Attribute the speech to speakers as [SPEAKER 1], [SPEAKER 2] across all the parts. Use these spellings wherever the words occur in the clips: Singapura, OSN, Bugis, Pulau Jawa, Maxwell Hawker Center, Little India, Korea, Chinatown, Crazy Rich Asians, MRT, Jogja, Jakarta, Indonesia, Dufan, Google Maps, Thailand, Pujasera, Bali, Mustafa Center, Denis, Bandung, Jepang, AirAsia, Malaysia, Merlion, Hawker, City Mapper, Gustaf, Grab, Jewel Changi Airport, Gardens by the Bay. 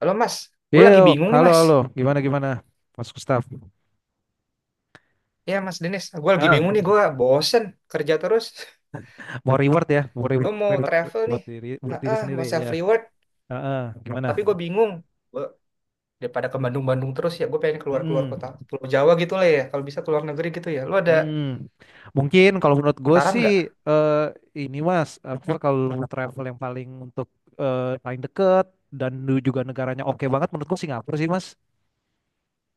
[SPEAKER 1] Halo Mas, gue lagi
[SPEAKER 2] Yo,
[SPEAKER 1] bingung nih
[SPEAKER 2] halo,
[SPEAKER 1] Mas.
[SPEAKER 2] halo. Gimana, gimana? Mas Gustaf.
[SPEAKER 1] Ya Mas Denis, gue lagi
[SPEAKER 2] Ah,
[SPEAKER 1] bingung nih, gue bosen kerja terus.
[SPEAKER 2] mau reward ya, mau reward,
[SPEAKER 1] Gue mau
[SPEAKER 2] reward
[SPEAKER 1] travel nih,
[SPEAKER 2] buat
[SPEAKER 1] ah,
[SPEAKER 2] diri
[SPEAKER 1] ah,
[SPEAKER 2] sendiri
[SPEAKER 1] mau self
[SPEAKER 2] ya.
[SPEAKER 1] reward,
[SPEAKER 2] Gimana?
[SPEAKER 1] tapi gue bingung. Gua daripada ke Bandung-Bandung terus ya, gue pengen keluar-keluar
[SPEAKER 2] Mm-mm.
[SPEAKER 1] kota Pulau Jawa gitu lah ya. Kalau bisa keluar negeri gitu ya. Lu ada
[SPEAKER 2] Mm. Mungkin kalau menurut gue
[SPEAKER 1] saran
[SPEAKER 2] sih
[SPEAKER 1] nggak?
[SPEAKER 2] eh ini Mas, apa kalau lu travel yang paling untuk paling deket dan lu juga negaranya oke banget menurut gue Singapura sih Mas.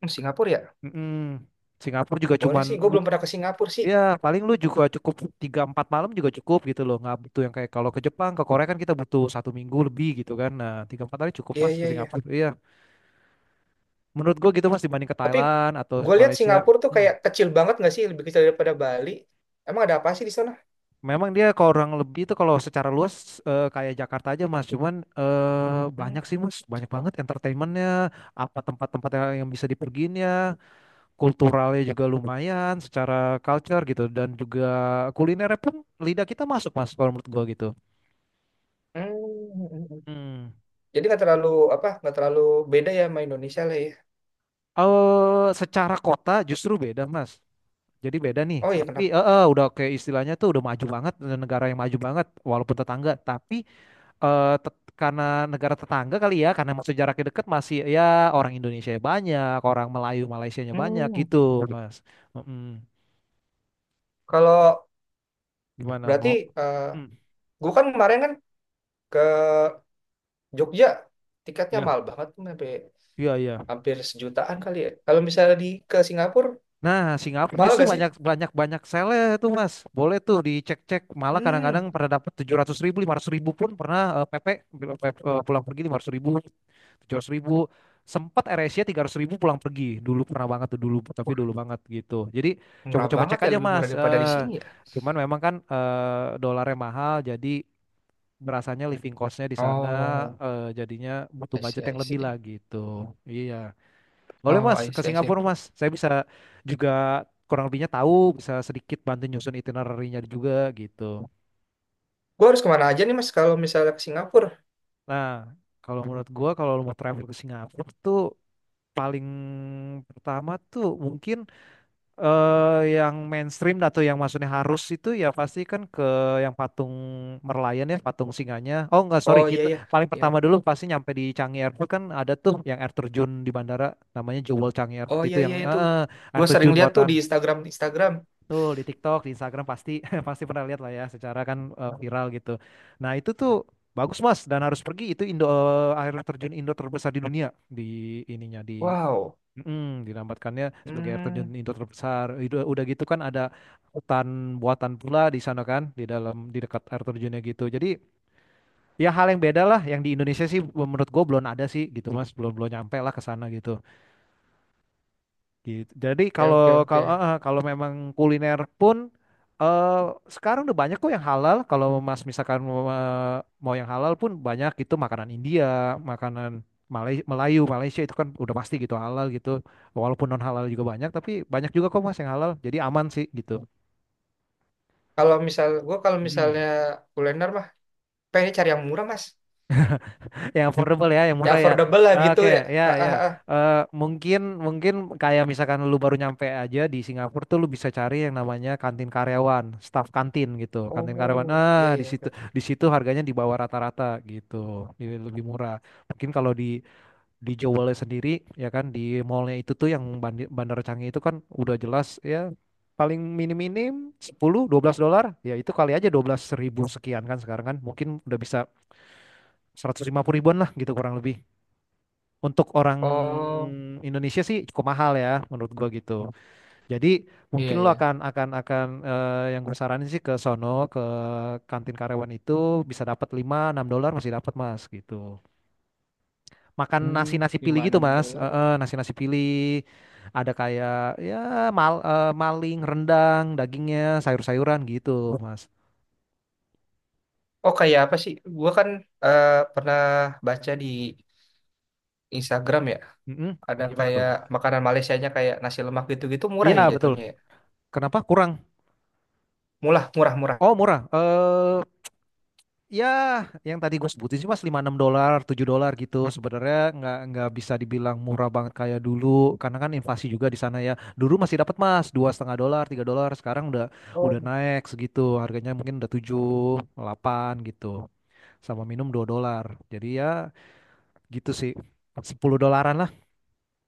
[SPEAKER 1] Hmm, Singapura ya?
[SPEAKER 2] Mm-mm. Singapura juga
[SPEAKER 1] Boleh
[SPEAKER 2] cuman
[SPEAKER 1] sih, gue belum pernah ke Singapura sih.
[SPEAKER 2] ya paling lu juga cukup tiga empat malam juga cukup gitu loh, nggak butuh yang kayak kalau ke Jepang ke Korea kan kita butuh satu minggu lebih gitu kan. Nah, tiga empat hari cukup
[SPEAKER 1] Iya
[SPEAKER 2] mas ke
[SPEAKER 1] iya
[SPEAKER 2] Singapura,
[SPEAKER 1] iya.
[SPEAKER 2] iya menurut gua gitu mas, dibanding ke
[SPEAKER 1] Tapi
[SPEAKER 2] Thailand atau
[SPEAKER 1] gue lihat
[SPEAKER 2] Malaysia.
[SPEAKER 1] Singapura tuh
[SPEAKER 2] Hmm.
[SPEAKER 1] kayak kecil banget nggak sih, lebih kecil daripada Bali. Emang ada apa sih di sana?
[SPEAKER 2] Memang dia kurang lebih itu kalau secara luas kayak Jakarta aja mas. Cuman
[SPEAKER 1] Hmm.
[SPEAKER 2] banyak sih mas, banyak
[SPEAKER 1] Hmm.
[SPEAKER 2] banget entertainmentnya, apa tempat-tempat yang bisa dipergiin ya. Kulturalnya juga lumayan secara culture gitu, dan juga kulinernya pun lidah kita masuk mas kalau menurut gua gitu.
[SPEAKER 1] Hmm, hmm, hmm.
[SPEAKER 2] Hmm.
[SPEAKER 1] Jadi nggak terlalu beda ya sama Indonesia lah ya.
[SPEAKER 2] Secara kota justru beda Mas. Jadi beda nih.
[SPEAKER 1] Oh iya
[SPEAKER 2] Tapi
[SPEAKER 1] kenapa?
[SPEAKER 2] udah kayak istilahnya tuh udah maju banget, negara yang maju banget walaupun tetangga. Tapi karena negara tetangga kali ya, karena masih jaraknya deket masih ya, orang Indonesia banyak, orang Melayu Malaysianya banyak
[SPEAKER 1] Hmm.
[SPEAKER 2] gitu Mas. Mm-mm.
[SPEAKER 1] Kalau
[SPEAKER 2] Gimana
[SPEAKER 1] berarti
[SPEAKER 2] mau?
[SPEAKER 1] eh
[SPEAKER 2] Mm.
[SPEAKER 1] gue kan kemarin kan ke Jogja, tiketnya
[SPEAKER 2] Ya,
[SPEAKER 1] mahal banget tuh sampai
[SPEAKER 2] iya iya.
[SPEAKER 1] hampir sejutaan kali ya. Kalau misalnya di ke Singapura
[SPEAKER 2] Nah, Singapura
[SPEAKER 1] mahal
[SPEAKER 2] justru
[SPEAKER 1] gak sih?
[SPEAKER 2] banyak banyak banyak sale tuh Mas. Boleh tuh dicek-cek. Malah
[SPEAKER 1] Hmm,
[SPEAKER 2] kadang-kadang pernah dapat tujuh ratus ribu, lima ratus ribu pun pernah. PP pulang pergi lima ratus ribu, tujuh ratus ribu. Sempat AirAsia tiga ratus ribu pulang pergi dulu, pernah banget tuh dulu, tapi
[SPEAKER 1] wah
[SPEAKER 2] dulu banget gitu. Jadi
[SPEAKER 1] murah
[SPEAKER 2] coba-coba
[SPEAKER 1] banget
[SPEAKER 2] cek
[SPEAKER 1] ya,
[SPEAKER 2] aja
[SPEAKER 1] lebih murah
[SPEAKER 2] mas.
[SPEAKER 1] daripada di sini ya.
[SPEAKER 2] Cuman memang kan dolarnya mahal, jadi berasanya living costnya di sana
[SPEAKER 1] Oh,
[SPEAKER 2] jadinya butuh
[SPEAKER 1] I
[SPEAKER 2] budget
[SPEAKER 1] see, I
[SPEAKER 2] yang lebih lah
[SPEAKER 1] see.
[SPEAKER 2] gitu. Iya, boleh
[SPEAKER 1] Oh,
[SPEAKER 2] mas
[SPEAKER 1] I
[SPEAKER 2] ke
[SPEAKER 1] see, I see.
[SPEAKER 2] Singapura mas, saya bisa juga kurang lebihnya tahu, bisa sedikit bantu nyusun itinerary-nya juga gitu.
[SPEAKER 1] Gue harus kemana aja nih mas kalau misalnya ke Singapura?
[SPEAKER 2] Nah, kalau menurut gua kalau lu mau travel ke Singapura tuh paling pertama tuh mungkin yang mainstream atau yang maksudnya harus itu ya, pasti kan ke yang patung Merlion ya, patung singanya. Oh enggak, sorry,
[SPEAKER 1] Oh iya
[SPEAKER 2] kita
[SPEAKER 1] iya,
[SPEAKER 2] paling
[SPEAKER 1] iya.
[SPEAKER 2] pertama dulu pasti nyampe di Changi Airport. Kan ada tuh yang air terjun di bandara, namanya Jewel Changi Airport.
[SPEAKER 1] Oh iya
[SPEAKER 2] Itu yang
[SPEAKER 1] iya itu.
[SPEAKER 2] air
[SPEAKER 1] Gue sering
[SPEAKER 2] terjun
[SPEAKER 1] lihat tuh di
[SPEAKER 2] buatan
[SPEAKER 1] Instagram Instagram.
[SPEAKER 2] tuh di TikTok di Instagram pasti pasti pernah lihat lah ya, secara kan viral gitu. Nah itu tuh bagus mas, dan harus pergi itu. Indo air terjun Indo terbesar di dunia, di ininya di
[SPEAKER 1] Wow.
[SPEAKER 2] Dinamatkannya sebagai air terjun
[SPEAKER 1] Hmm.
[SPEAKER 2] Indo terbesar. Itu udah gitu kan ada hutan buatan pula di sana kan, di dalam di dekat air terjunnya gitu. Jadi ya hal yang beda lah, yang di Indonesia sih menurut gue belum ada sih gitu Mas, belum belum nyampe lah ke sana gitu. Gitu. Jadi
[SPEAKER 1] Oke,
[SPEAKER 2] kalau
[SPEAKER 1] oke,
[SPEAKER 2] kalau
[SPEAKER 1] oke.
[SPEAKER 2] kalau memang kuliner pun eh sekarang udah banyak kok yang halal. Kalau Mas misalkan mau mau yang halal pun banyak, itu makanan India, makanan Melayu, Malaysia itu kan udah pasti gitu halal gitu. Walaupun non halal juga banyak, tapi banyak juga kok Mas yang halal. Jadi aman sih gitu.
[SPEAKER 1] Kalau misal gua kalau
[SPEAKER 2] Mm.
[SPEAKER 1] misalnya kuliner mah pengen cari yang murah, Mas.
[SPEAKER 2] Yang affordable ya, yang
[SPEAKER 1] Ya
[SPEAKER 2] murah ya.
[SPEAKER 1] affordable lah gitu
[SPEAKER 2] Oke,
[SPEAKER 1] ya. Ah,
[SPEAKER 2] ya
[SPEAKER 1] ah,
[SPEAKER 2] ya.
[SPEAKER 1] ah.
[SPEAKER 2] Mungkin mungkin kayak misalkan lu baru nyampe aja di Singapura tuh, lu bisa cari yang namanya kantin karyawan, staff kantin gitu. Kantin karyawan.
[SPEAKER 1] Oh,
[SPEAKER 2] Ah,
[SPEAKER 1] iya
[SPEAKER 2] di
[SPEAKER 1] iya, oke,
[SPEAKER 2] situ
[SPEAKER 1] oke.
[SPEAKER 2] di situ harganya di bawah rata-rata gitu. Lebih murah. Mungkin kalau di Jewelnya sendiri ya kan, di mallnya itu tuh yang Bandara Canggih itu kan udah jelas ya, paling minim-minim sepuluh, dua belas dolar. Ya itu kali aja dua belas ribu sekian kan sekarang kan, mungkin udah bisa 150 ribuan lah gitu kurang lebih, untuk orang
[SPEAKER 1] Oh,
[SPEAKER 2] Indonesia sih cukup mahal ya menurut gua gitu. Jadi
[SPEAKER 1] iya
[SPEAKER 2] mungkin lo
[SPEAKER 1] iya.
[SPEAKER 2] akan akan yang gue saranin sih ke sono, ke kantin karyawan itu bisa dapat 5 6 dolar, masih dapat Mas gitu. Makan
[SPEAKER 1] Hmm,
[SPEAKER 2] nasi-nasi pilih
[SPEAKER 1] gimana
[SPEAKER 2] gitu Mas.
[SPEAKER 1] dolar?
[SPEAKER 2] Nasi-nasi pilih ada kayak ya mal, maling, rendang, dagingnya, sayur-sayuran gitu Mas.
[SPEAKER 1] Oh, kayak apa sih? Gua kan eh, pernah baca di Instagram ya,
[SPEAKER 2] Mm-mm.
[SPEAKER 1] ada
[SPEAKER 2] Gimana tuh?
[SPEAKER 1] kayak makanan Malaysianya kayak nasi lemak gitu-gitu murah
[SPEAKER 2] Iya
[SPEAKER 1] ya
[SPEAKER 2] betul.
[SPEAKER 1] jatuhnya ya.
[SPEAKER 2] Kenapa kurang?
[SPEAKER 1] Murah, murah, murah.
[SPEAKER 2] Oh murah. Ya, yang tadi gue sebutin sih mas lima enam dolar, 7 dolar gitu. Sebenarnya nggak bisa dibilang murah banget kayak dulu, karena kan inflasi juga di sana ya. Dulu masih dapat mas dua setengah dolar, 3 dolar. Sekarang udah
[SPEAKER 1] Oh.
[SPEAKER 2] naik segitu. Harganya mungkin udah 7 8 gitu. Sama minum 2 dolar. Jadi ya gitu sih, 10 dolaran lah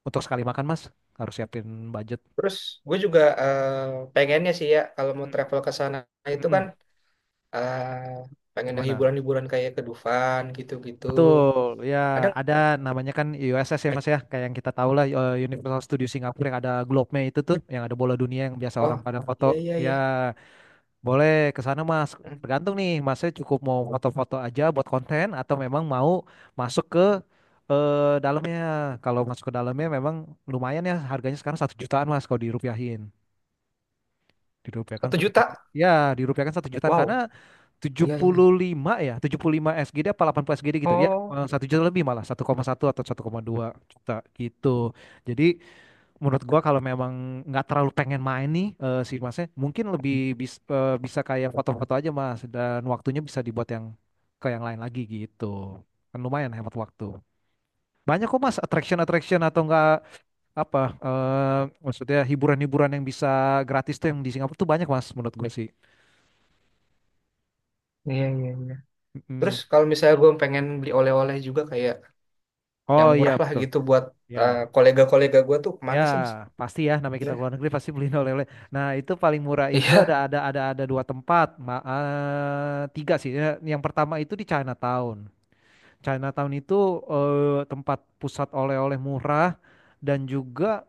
[SPEAKER 2] untuk sekali makan mas. Harus siapin budget.
[SPEAKER 1] Terus gue juga pengennya sih ya, kalau mau
[SPEAKER 2] Mm.
[SPEAKER 1] travel ke sana itu kan
[SPEAKER 2] Mm-mm.
[SPEAKER 1] ah pengen yang
[SPEAKER 2] Gimana?
[SPEAKER 1] hiburan-hiburan kayak ke Dufan gitu-gitu.
[SPEAKER 2] Betul, ya,
[SPEAKER 1] Ada?
[SPEAKER 2] ada namanya kan USS ya mas ya, kayak yang kita tahu lah. Universal Studio Singapura, yang ada globe-nya itu tuh, yang ada bola dunia yang biasa orang
[SPEAKER 1] Oh,
[SPEAKER 2] pada foto.
[SPEAKER 1] iya iya
[SPEAKER 2] Ya
[SPEAKER 1] iya.
[SPEAKER 2] boleh ke sana mas,
[SPEAKER 1] Hmm.
[SPEAKER 2] tergantung nih masnya cukup mau foto-foto aja buat konten atau memang mau masuk ke eh, dalamnya. Kalau masuk ke dalamnya memang lumayan ya, harganya sekarang satu jutaan mas kalau dirupiahin. Dirupiahkan
[SPEAKER 1] Satu
[SPEAKER 2] satu juta.
[SPEAKER 1] juta?
[SPEAKER 2] Ya dirupiahkan satu jutaan
[SPEAKER 1] Wow.
[SPEAKER 2] karena tujuh
[SPEAKER 1] Iya iya, iya.
[SPEAKER 2] puluh lima ya, 75 SGD apa 80 SGD gitu. Ya,
[SPEAKER 1] Oh,
[SPEAKER 2] satu juta lebih malah, satu koma satu atau satu koma dua juta gitu. Jadi menurut gua kalau memang nggak terlalu pengen main nih si Masnya, mungkin lebih bisa kayak foto-foto aja Mas, dan waktunya bisa dibuat yang ke yang lain lagi gitu. Kan lumayan hemat waktu. Banyak kok Mas attraction-attraction atau enggak apa maksudnya hiburan-hiburan yang bisa gratis tuh yang di Singapura tuh banyak Mas menurut gue sih.
[SPEAKER 1] iya iya iya. Terus
[SPEAKER 2] Mm-mm.
[SPEAKER 1] kalau misalnya gue pengen beli oleh-oleh juga kayak yang
[SPEAKER 2] Oh iya
[SPEAKER 1] murah lah
[SPEAKER 2] betul.
[SPEAKER 1] gitu buat
[SPEAKER 2] Ya.
[SPEAKER 1] kolega-kolega gue tuh
[SPEAKER 2] Ya,
[SPEAKER 1] kemana sih mas?
[SPEAKER 2] pasti ya namanya kita
[SPEAKER 1] Nah.
[SPEAKER 2] ke luar negeri pasti beliin oleh-oleh. Nah, itu paling murah itu
[SPEAKER 1] Iya.
[SPEAKER 2] ada ada dua tempat. Tiga sih. Ya, yang pertama itu di Chinatown. Chinatown itu tempat pusat oleh-oleh murah, dan juga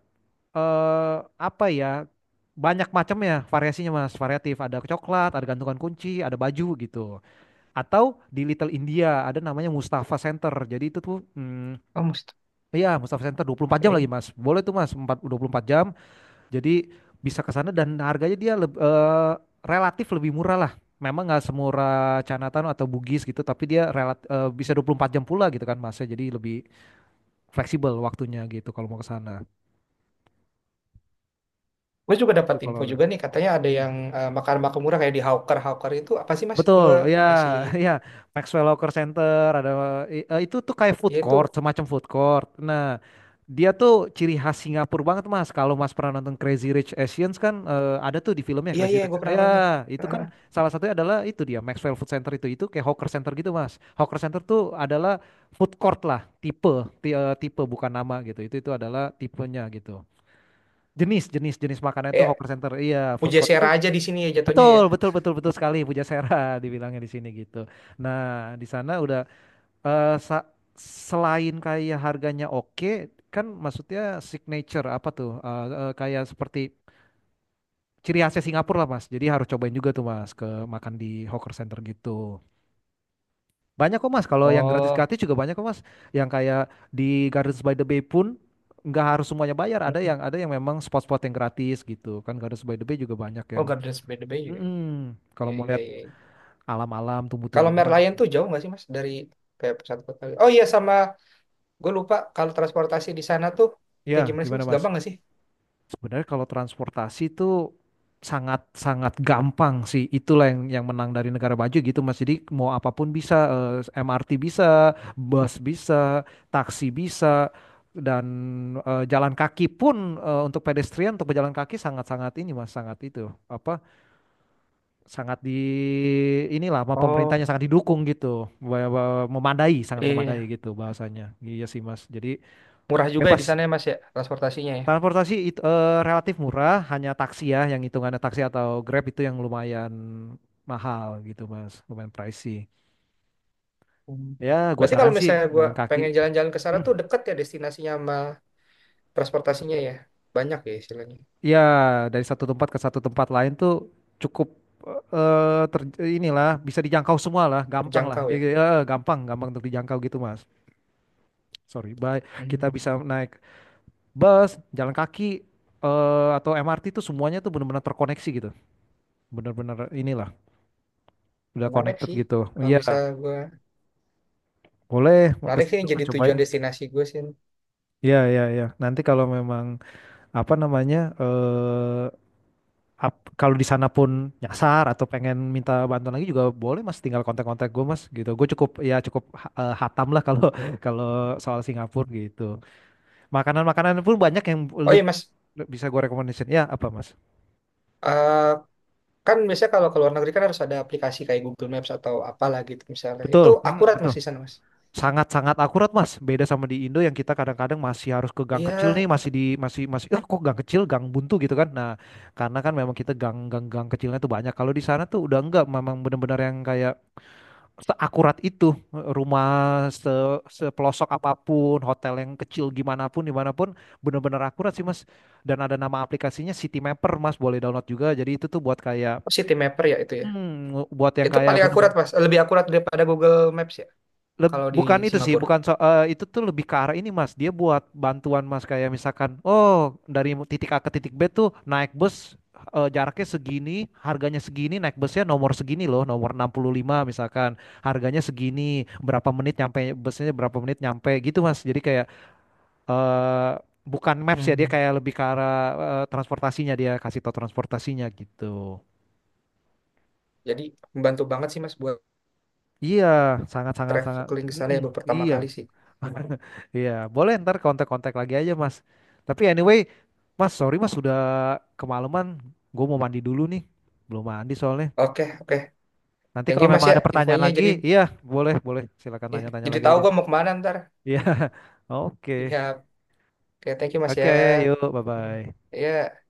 [SPEAKER 2] eh, apa ya? Banyak macam ya variasinya Mas, variatif. Ada coklat, ada gantungan kunci, ada baju gitu. Atau di Little India ada namanya Mustafa Center. Jadi itu tuh hmm,
[SPEAKER 1] Oh mesti.
[SPEAKER 2] iya, Mustafa Center 24 jam
[SPEAKER 1] Oke.
[SPEAKER 2] lagi, Mas. Boleh tuh, Mas, 4, 24 jam. Jadi bisa ke sana dan harganya dia relatif lebih murah lah. Memang nggak semurah Chinatown atau Bugis gitu, tapi dia bisa 24 jam pula gitu kan masnya. Jadi lebih fleksibel waktunya gitu kalau mau ke sana.
[SPEAKER 1] Gue juga
[SPEAKER 2] Itu
[SPEAKER 1] dapat
[SPEAKER 2] kalau
[SPEAKER 1] info juga nih katanya ada
[SPEAKER 2] hmm.
[SPEAKER 1] yang makan-makan murah kayak di Hawker Hawker itu apa sih mas? Gue
[SPEAKER 2] Betul, ya,
[SPEAKER 1] masih.
[SPEAKER 2] ya. Maxwell Hawker Center ada itu tuh kayak food
[SPEAKER 1] Ya itu.
[SPEAKER 2] court, semacam food court. Nah, dia tuh ciri khas Singapura banget, Mas. Kalau Mas pernah nonton Crazy Rich Asians kan ada tuh di filmnya
[SPEAKER 1] Iya
[SPEAKER 2] Crazy
[SPEAKER 1] iya
[SPEAKER 2] Rich.
[SPEAKER 1] gue pernah nonton tuh.
[SPEAKER 2] Ya, itu kan salah satunya adalah itu dia. Maxwell Food Center itu kayak hawker center gitu, Mas. Hawker center tuh adalah food court lah, tipe tipe bukan nama gitu. Itu adalah tipenya gitu. Jenis jenis jenis makanan itu
[SPEAKER 1] Kayak
[SPEAKER 2] hawker center. Iya, food court itu.
[SPEAKER 1] Pujasera aja di sini ya jatuhnya ya.
[SPEAKER 2] Betul, betul, betul, betul sekali. Pujasera dibilangnya di sini gitu. Nah, di sana udah eh, sa- selain kayak harganya oke, kan maksudnya signature apa tuh? Kayak seperti ciri khasnya Singapura lah Mas. Jadi harus cobain juga tuh Mas ke makan di hawker center gitu. Banyak kok Mas, kalau yang
[SPEAKER 1] Oh,
[SPEAKER 2] gratis-gratis juga banyak kok Mas. Yang kayak di Gardens by the Bay pun nggak harus semuanya bayar. Ada yang memang spot-spot yang gratis gitu. Kan Gardens by the Bay juga banyak
[SPEAKER 1] oh
[SPEAKER 2] yang
[SPEAKER 1] Gardens by the Bay juga, ya?
[SPEAKER 2] mm-mm. Kalau
[SPEAKER 1] Iya,
[SPEAKER 2] mau
[SPEAKER 1] iya,
[SPEAKER 2] lihat
[SPEAKER 1] iya.
[SPEAKER 2] alam-alam,
[SPEAKER 1] Kalau
[SPEAKER 2] tumbuh-tumbuhan.
[SPEAKER 1] Merlion tuh jauh nggak sih Mas dari kayak pusat kota? Oh iya, sama gue lupa kalau transportasi di sana tuh kayak
[SPEAKER 2] Ya,
[SPEAKER 1] gimana sih
[SPEAKER 2] gimana
[SPEAKER 1] Mas? Gampang
[SPEAKER 2] Mas?
[SPEAKER 1] nggak sih?
[SPEAKER 2] Sebenarnya kalau transportasi itu sangat-sangat gampang sih. Itulah yang menang dari negara maju gitu Mas. Jadi mau apapun bisa, eh, MRT bisa, bus bisa, taksi bisa, dan jalan kaki pun untuk pedestrian, untuk pejalan kaki sangat-sangat ini Mas, sangat itu apa? Sangat di inilah apa,
[SPEAKER 1] Oh,
[SPEAKER 2] pemerintahnya sangat didukung gitu. Memadai, sangat memadai
[SPEAKER 1] iya.
[SPEAKER 2] gitu bahasanya. Iya sih Mas. Jadi
[SPEAKER 1] Murah juga ya di
[SPEAKER 2] bebas.
[SPEAKER 1] sana ya Mas ya transportasinya ya.
[SPEAKER 2] Transportasi itu relatif murah, hanya taksi ya, yang hitungannya taksi atau Grab itu yang lumayan mahal gitu mas, lumayan pricey.
[SPEAKER 1] Hmm.
[SPEAKER 2] Ya, gua
[SPEAKER 1] Berarti kalau
[SPEAKER 2] saran sih
[SPEAKER 1] misalnya gue
[SPEAKER 2] jalan kaki.
[SPEAKER 1] pengen jalan-jalan ke sana
[SPEAKER 2] Hmm.
[SPEAKER 1] tuh deket ya destinasinya sama transportasinya ya. Banyak ya istilahnya.
[SPEAKER 2] Ya, dari satu tempat ke satu tempat lain tuh cukup inilah bisa dijangkau semua lah, gampang lah.
[SPEAKER 1] Terjangkau ya.
[SPEAKER 2] Jadi gampang, gampang untuk dijangkau gitu mas. Sorry, baik kita
[SPEAKER 1] Hmm.
[SPEAKER 2] bisa naik bus, jalan kaki atau MRT tuh semuanya tuh benar-benar terkoneksi gitu, benar-benar inilah udah
[SPEAKER 1] Menarik
[SPEAKER 2] connected
[SPEAKER 1] sih.
[SPEAKER 2] gitu.
[SPEAKER 1] Kalau
[SPEAKER 2] Iya.
[SPEAKER 1] misalnya gue,
[SPEAKER 2] Boleh, mau ke
[SPEAKER 1] Menarik sih
[SPEAKER 2] situ
[SPEAKER 1] yang
[SPEAKER 2] Mas
[SPEAKER 1] jadi
[SPEAKER 2] cobain.
[SPEAKER 1] tujuan destinasi gue sih.
[SPEAKER 2] Iya, iya, iya. Nanti kalau memang apa namanya eh kalau di sana pun nyasar atau pengen minta bantuan lagi juga boleh Mas, tinggal kontak-kontak gue Mas gitu. Gue cukup, ya cukup hatam lah kalau kalau soal Singapura gitu. Makanan-makanan pun banyak yang
[SPEAKER 1] Oh
[SPEAKER 2] le-
[SPEAKER 1] iya Mas.
[SPEAKER 2] bisa gue rekomendasiin. Ya, apa Mas?
[SPEAKER 1] Eh, Kan biasanya kalau ke luar negeri kan harus ada aplikasi kayak Google Maps atau apalah gitu misalnya. Itu
[SPEAKER 2] Betul. Hmm,
[SPEAKER 1] akurat mas
[SPEAKER 2] betul.
[SPEAKER 1] di sana mas?
[SPEAKER 2] Sangat-sangat akurat mas, beda sama di Indo yang kita kadang-kadang masih harus ke gang kecil
[SPEAKER 1] Iya,
[SPEAKER 2] nih, masih di masih masih eh kok gang kecil, gang buntu gitu kan. Nah, karena kan memang kita gang gang gang kecilnya tuh banyak. Kalau di sana tuh udah enggak, memang benar-benar yang kayak seakurat itu. Rumah se sepelosok apapun, hotel yang kecil gimana pun dimanapun benar-benar akurat sih mas. Dan ada nama aplikasinya City Mapper mas, boleh download juga. Jadi itu tuh buat kayak
[SPEAKER 1] oh, City Mapper ya.
[SPEAKER 2] hmm, buat yang
[SPEAKER 1] Itu
[SPEAKER 2] kayak
[SPEAKER 1] paling
[SPEAKER 2] bener.
[SPEAKER 1] akurat mas, lebih akurat daripada Google Maps ya
[SPEAKER 2] Leb-
[SPEAKER 1] kalau di
[SPEAKER 2] bukan itu sih,
[SPEAKER 1] Singapura.
[SPEAKER 2] bukan so- eh, itu tuh lebih ke arah ini Mas. Dia buat bantuan Mas, kayak misalkan, oh dari titik A ke titik B tuh naik bus jaraknya segini, harganya segini, naik busnya nomor segini loh, nomor 65 misalkan. Harganya segini, berapa menit nyampe busnya, berapa menit nyampe gitu Mas. Jadi kayak eh bukan maps ya, dia
[SPEAKER 1] Hmm.
[SPEAKER 2] kayak lebih ke arah transportasinya, dia kasih tau transportasinya gitu.
[SPEAKER 1] Jadi membantu banget sih mas buat
[SPEAKER 2] Iya, sangat sangat sangat.
[SPEAKER 1] traveling ke sana
[SPEAKER 2] Mm-mm,
[SPEAKER 1] ya, baru pertama
[SPEAKER 2] iya.
[SPEAKER 1] kali sih.
[SPEAKER 2] Iya, boleh ntar kontak-kontak lagi aja, Mas. Tapi anyway, Mas, sorry Mas, sudah kemalaman. Gue mau mandi dulu nih. Belum mandi soalnya.
[SPEAKER 1] Oke oke,
[SPEAKER 2] Nanti
[SPEAKER 1] thank
[SPEAKER 2] kalau
[SPEAKER 1] you mas
[SPEAKER 2] memang
[SPEAKER 1] ya
[SPEAKER 2] ada pertanyaan
[SPEAKER 1] infonya.
[SPEAKER 2] lagi,
[SPEAKER 1] Jadi
[SPEAKER 2] iya, boleh, boleh. Silakan
[SPEAKER 1] ya,
[SPEAKER 2] tanya-tanya
[SPEAKER 1] jadi
[SPEAKER 2] lagi
[SPEAKER 1] tahu
[SPEAKER 2] aja.
[SPEAKER 1] gua mau kemana ntar.
[SPEAKER 2] Iya, oke.
[SPEAKER 1] Ya, oke thank you mas ya.
[SPEAKER 2] Oke, yuk,
[SPEAKER 1] Thank you.
[SPEAKER 2] bye-bye.
[SPEAKER 1] Ya.